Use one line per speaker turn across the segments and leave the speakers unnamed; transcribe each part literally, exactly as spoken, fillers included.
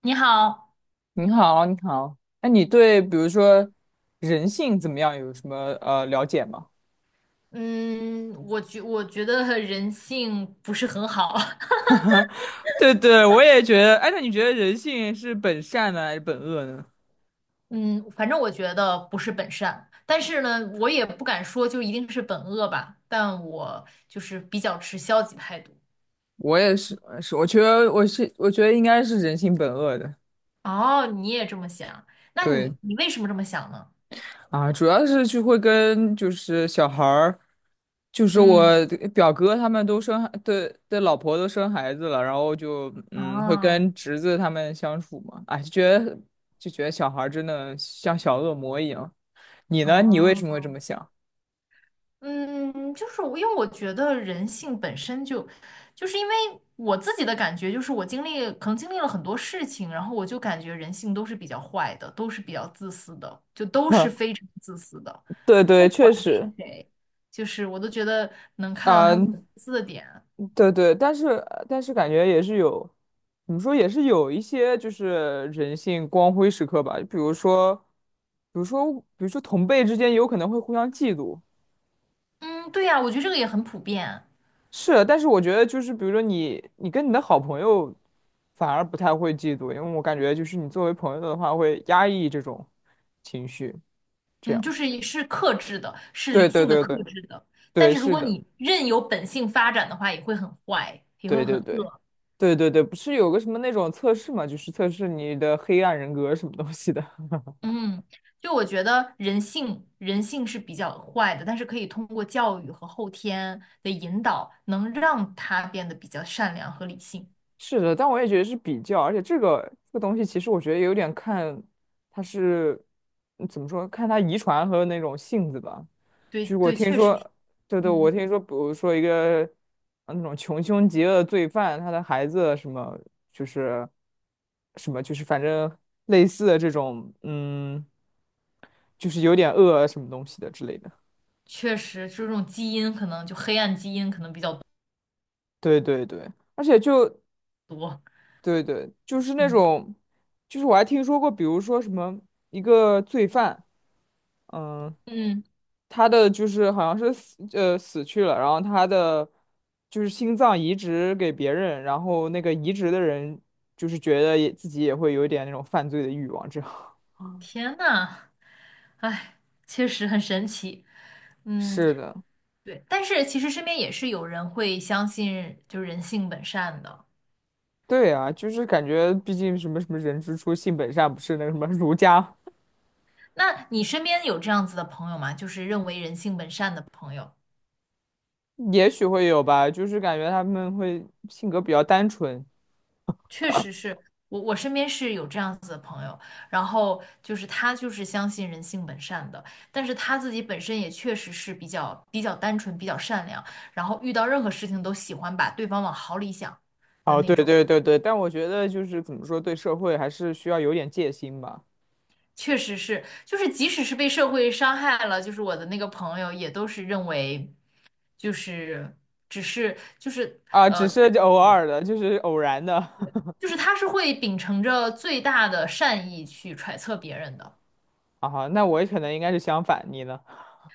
你好，
你好，你好。那你对比如说人性怎么样有什么呃了解吗？
嗯，我觉我觉得人性不是很好，
对对，我也觉得。哎，那你觉得人性是本善呢，还是本恶呢？
嗯，反正我觉得不是本善，但是呢，我也不敢说就一定是本恶吧，但我就是比较持消极态度。
我也是，是我觉得我是我觉得应该是人性本恶的。
哦，你也这么想，那
对，
你你为什么这么想呢？
啊，主要是就会跟就是小孩儿，就是
嗯，
我表哥他们都生孩的的老婆都生孩子了，然后就嗯会
哦
跟侄子他们相处嘛，哎，就觉得就觉得小孩儿真的像小恶魔一样。你呢？你为什么
哦，
会这么想？
嗯，就是我，因为我觉得人性本身就，就是因为我自己的感觉，就是我经历可能经历了很多事情，然后我就感觉人性都是比较坏的，都是比较自私的，就都是非常自私的，
对
不
对，
管
确
是
实。
谁，就是我都觉得能看到
啊，
他们的自私的点。
对对，但是但是感觉也是有，怎么说也是有一些就是人性光辉时刻吧，比如说，比如说，比如说同辈之间有可能会互相嫉妒。
嗯，对呀，我觉得这个也很普遍。
是，但是我觉得就是比如说你你跟你的好朋友反而不太会嫉妒，因为我感觉就是你作为朋友的话会压抑这种情绪，这
嗯，就
样。
是也是克制的，是
对
理
对
性的
对对
克制的，但
对，
是如
是
果
的，
你任由本性发展的话，也会很坏，也
对
会很
对对
恶。
对对对，不是有个什么那种测试嘛，就是测试你的黑暗人格什么东西的。
嗯，就我觉得人性，人性是比较坏的，但是可以通过教育和后天的引导，能让他变得比较善良和理性。
是的，但我也觉得是比较，而且这个这个东西其实我觉得有点看它是嗯怎么说，看它遗传和那种性子吧。
对
就是我
对，
听
确实是。
说，对对，我
嗯，
听说，比如说一个呃那种穷凶极恶的罪犯，他的孩子什么就是什么就是反正类似的这种，嗯，就是有点恶什么东西的之类的。
确实就这种基因可能就黑暗基因可能比较
对对对，而且就
多。
对对，就是那
嗯
种，就是我还听说过，比如说什么一个罪犯。嗯，
嗯，
他的就是好像是死呃死去了，然后他的就是心脏移植给别人，然后那个移植的人就是觉得也自己也会有一点那种犯罪的欲望，这样。
天呐，确实很神奇。嗯，
是的。
对，但是其实身边也是有人会相信，就是人性本善的。
对啊，就是感觉毕竟什么什么人之初性本善，不是那个什么 儒家。
那你身边有这样子的朋友吗？就是认为人性本善的朋友。
也许会有吧，就是感觉他们会性格比较单纯。
确实是，我，我身边是有这样子的朋友，然后就是他就是相信人性本善的，但是他自己本身也确实是比较比较单纯、比较善良，然后遇到任何事情都喜欢把对方往好里想的
哦，
那
对
种，
对对对，但我觉得就是怎么说，对社会还是需要有点戒心吧。
确实是，就是即使是被社会伤害了，就是我的那个朋友也都是认为就是只是就是
啊，
呃，
只是就偶
对，
尔的，就是偶然的。
就是他是会秉承着最大的善意去揣测别人的。
啊，那我可能应该是相反，你呢？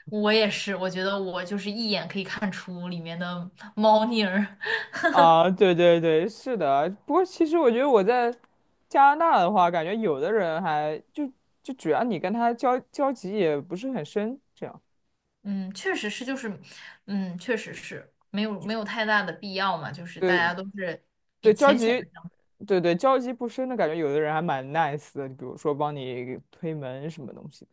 我也是，我觉得我就是一眼可以看出里面的猫腻儿。
啊，对对对，是的。不过其实我觉得我在加拿大的话，感觉有的人还就就主要你跟他交交集也不是很深，这样。
嗯，确实是，就是，嗯，确实是没有没有太大的必要嘛，就是大
对
家都是比
对，交
浅浅
集，
的。
对对，交集不深的感觉，有的人还蛮 nice 的，比如说帮你推门什么东西的。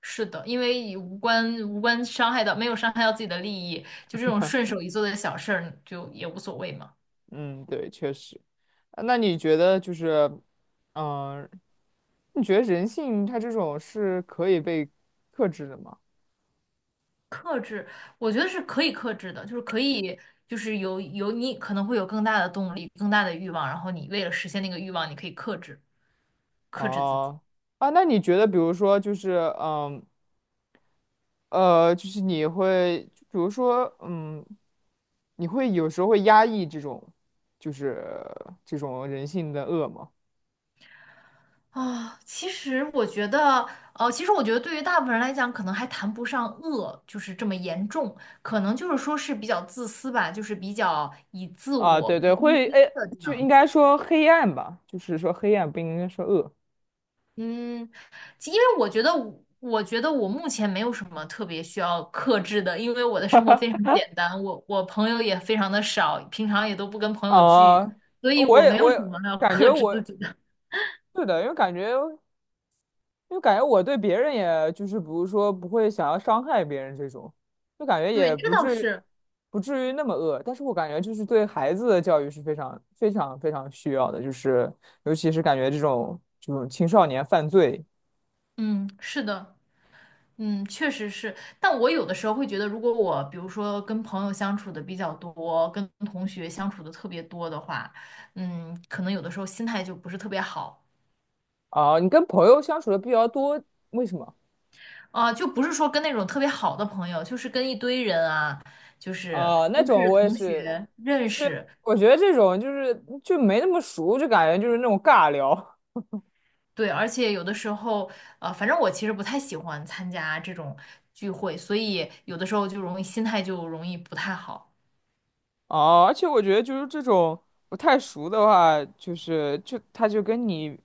是的，因为无关无关伤害到，没有伤害到自己的利益，就这种顺手一做的小事儿，就也无所谓嘛。
嗯，对，确实。啊那你觉得就是，嗯、你觉得人性它这种是可以被克制的吗？
克制，我觉得是可以克制的，就是可以，就是有有你可能会有更大的动力，更大的欲望，然后你为了实现那个欲望，你可以克制克制自己。
哦，啊，那你觉得，比如说，就是，嗯，呃，就是你会，就比如说，嗯，你会有时候会压抑这种，就是这种人性的恶吗？
啊，其实我觉得，呃，其实我觉得对于大部分人来讲，可能还谈不上恶，就是这么严重，可能就是说是比较自私吧，就是比较以自
啊，
我为
对对，
中
会，哎，
心的这
就
样
应该
子。
说黑暗吧，就是说黑暗不应该说恶。
嗯，其因为我觉得我我觉得我目前没有什么特别需要克制的，因为我的生活非常简单，我我朋友也非常的少，平常也都不跟朋友聚，
啊，
所以
我
我
也，
没有
我
什
也
么要
感觉
克制自
我，
己的。
是的，因为感觉。就感觉我对别人也就是比如说不会想要伤害别人这种，就感觉
对，
也
这
不
倒
至于
是，
不至于那么恶，但是我感觉就是对孩子的教育是非常非常非常需要的，就是尤其是感觉这种这种青少年犯罪。
嗯，是的。嗯，确实是，但我有的时候会觉得，如果我比如说跟朋友相处的比较多，跟同学相处的特别多的话，嗯，可能有的时候心态就不是特别好。
啊，你跟朋友相处的比较多，为什么？
啊，就不是说跟那种特别好的朋友，就是跟一堆人啊，就是
啊？那
都
种
是
我也
同
是，
学认
就
识，
我觉得这种就是就没那么熟，就感觉就是那种尬聊。
对，而且有的时候，呃，反正我其实不太喜欢参加这种聚会，所以有的时候就容易心态就容易不太好。
哦，而且我觉得就是这种不太熟的话，就是就他就跟你，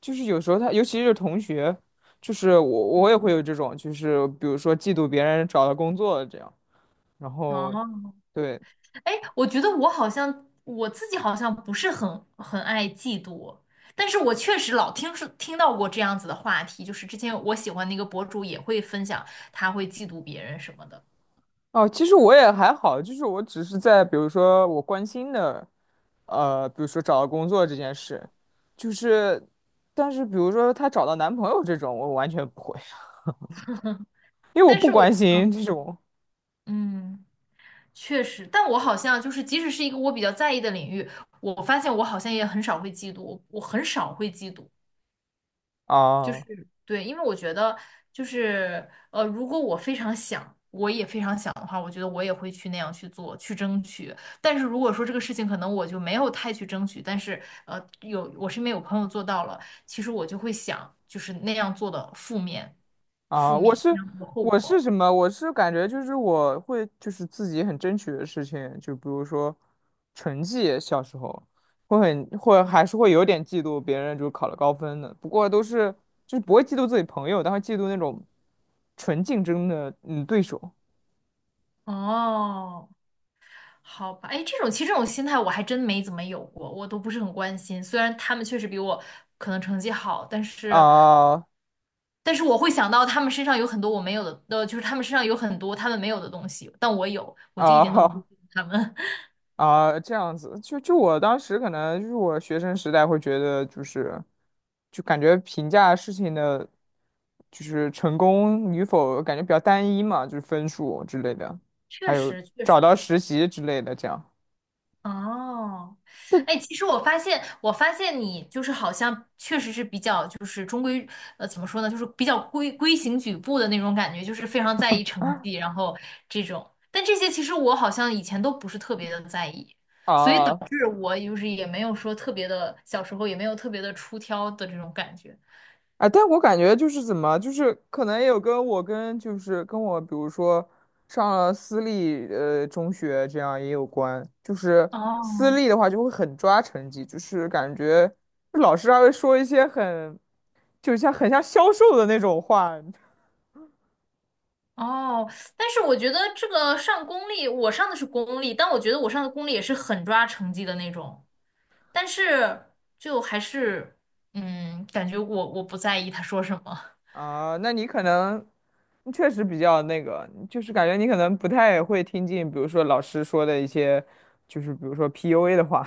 就是有时候他，尤其是同学，就是我我也会有这种，就是比如说嫉妒别人找到工作了这样，然后
哦，
对。
哎，我觉得我好像我自己好像不是很很爱嫉妒，但是我确实老听说听到过这样子的话题，就是之前我喜欢的一个博主也会分享他会嫉妒别人什么的，
哦，其实我也还好，就是我只是在比如说我关心的，呃，比如说找到工作这件事，就是，但是比如说她找到男朋友这种，我完全不会，因为我
但
不
是我
关心这种。
嗯，确实，但我好像就是即使是一个我比较在意的领域，我发现我好像也很少会嫉妒，我很少会嫉妒，就
啊。
是对，因为我觉得就是呃，如果我非常想，我也非常想的话，我觉得我也会去那样去做，去争取。但是如果说这个事情可能我就没有太去争取，但是呃，有我身边有朋友做到了，其实我就会想，就是那样做的负面，负
啊，我
面那
是
样做的后
我
果。
是什么？我是感觉就是我会就是自己很争取的事情，就比如说成绩。小时候会很会还是会有点嫉妒别人就考了高分的，不过都是就是不会嫉妒自己朋友，但会嫉妒那种纯竞争的嗯对手。
哦，好吧，哎，这种其实这种心态我还真没怎么有过，我都不是很关心。虽然他们确实比我可能成绩好，但是。
啊，
但是我会想到他们身上有很多我没有的，呃，就是他们身上有很多他们没有的东西，但我有，我就一点都不
啊
羡慕 他们。
啊，这样子，就就我当时可能就是我学生时代会觉得，就是就感觉评价事情的，就是成功与否，感觉比较单一嘛，就是分数之类的，
确
还有
实，确
找
实
到
是。
实习之类的这样。
哦，哎，其实我发现，我发现你就是好像确实是比较就是中规，呃，怎么说呢，就是比较规规行矩步的那种感觉，就是非常在意成绩，然后这种。但这些其实我好像以前都不是特别的在意，所以导
啊，
致我就是也没有说特别的，小时候也没有特别的出挑的这种感觉。
哎，但我感觉就是怎么，就是可能也有跟我跟就是跟我，比如说上了私立呃中学这样也有关。就是私
哦，
立的话就会很抓成绩，就是感觉老师还会说一些很，就像很像销售的那种话。
哦，但是我觉得这个上公立，我上的是公立，但我觉得我上的公立也是很抓成绩的那种，但是就还是，嗯，感觉我我不在意他说什么，
啊。那你可能你确实比较那个，就是感觉你可能不太会听进，比如说老师说的一些，就是比如说 P U A 的话。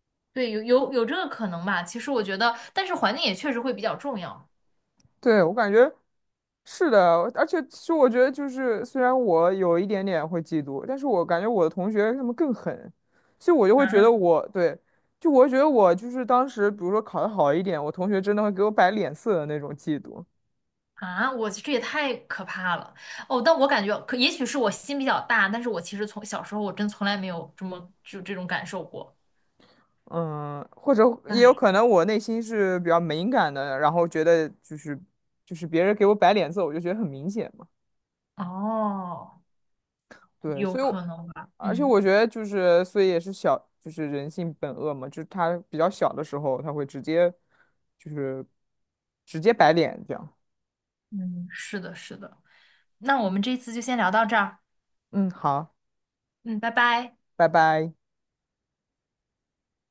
对，有有有这个可能吧。其实我觉得，但是环境也确实会比较重要。
对，我感觉。是的，而且其实我觉得就是，虽然我有一点点会嫉妒，但是我感觉我的同学他们更狠，所以我就会觉得
啊，
我对，就我会觉得我就是当时，比如说考得好一点，我同学真的会给我摆脸色的那种嫉妒。
啊。我这也太可怕了。哦，但我感觉可也许是我心比较大，但是我其实从小时候我真从来没有这么就这种感受过。
嗯，或者也有
哎，
可能我内心是比较敏感的，然后觉得就是就是别人给我摆脸色，我就觉得很明显。嘛。
哦，
对，
有
所以我，
可能吧，
而且
嗯。
我觉得就是，所以也是小，就是人性本恶嘛，就是他比较小的时候，他会直接，就是直接摆脸这样。
嗯，是的，是的。那我们这次就先聊到这儿。
嗯，好，
嗯，拜拜。
拜拜。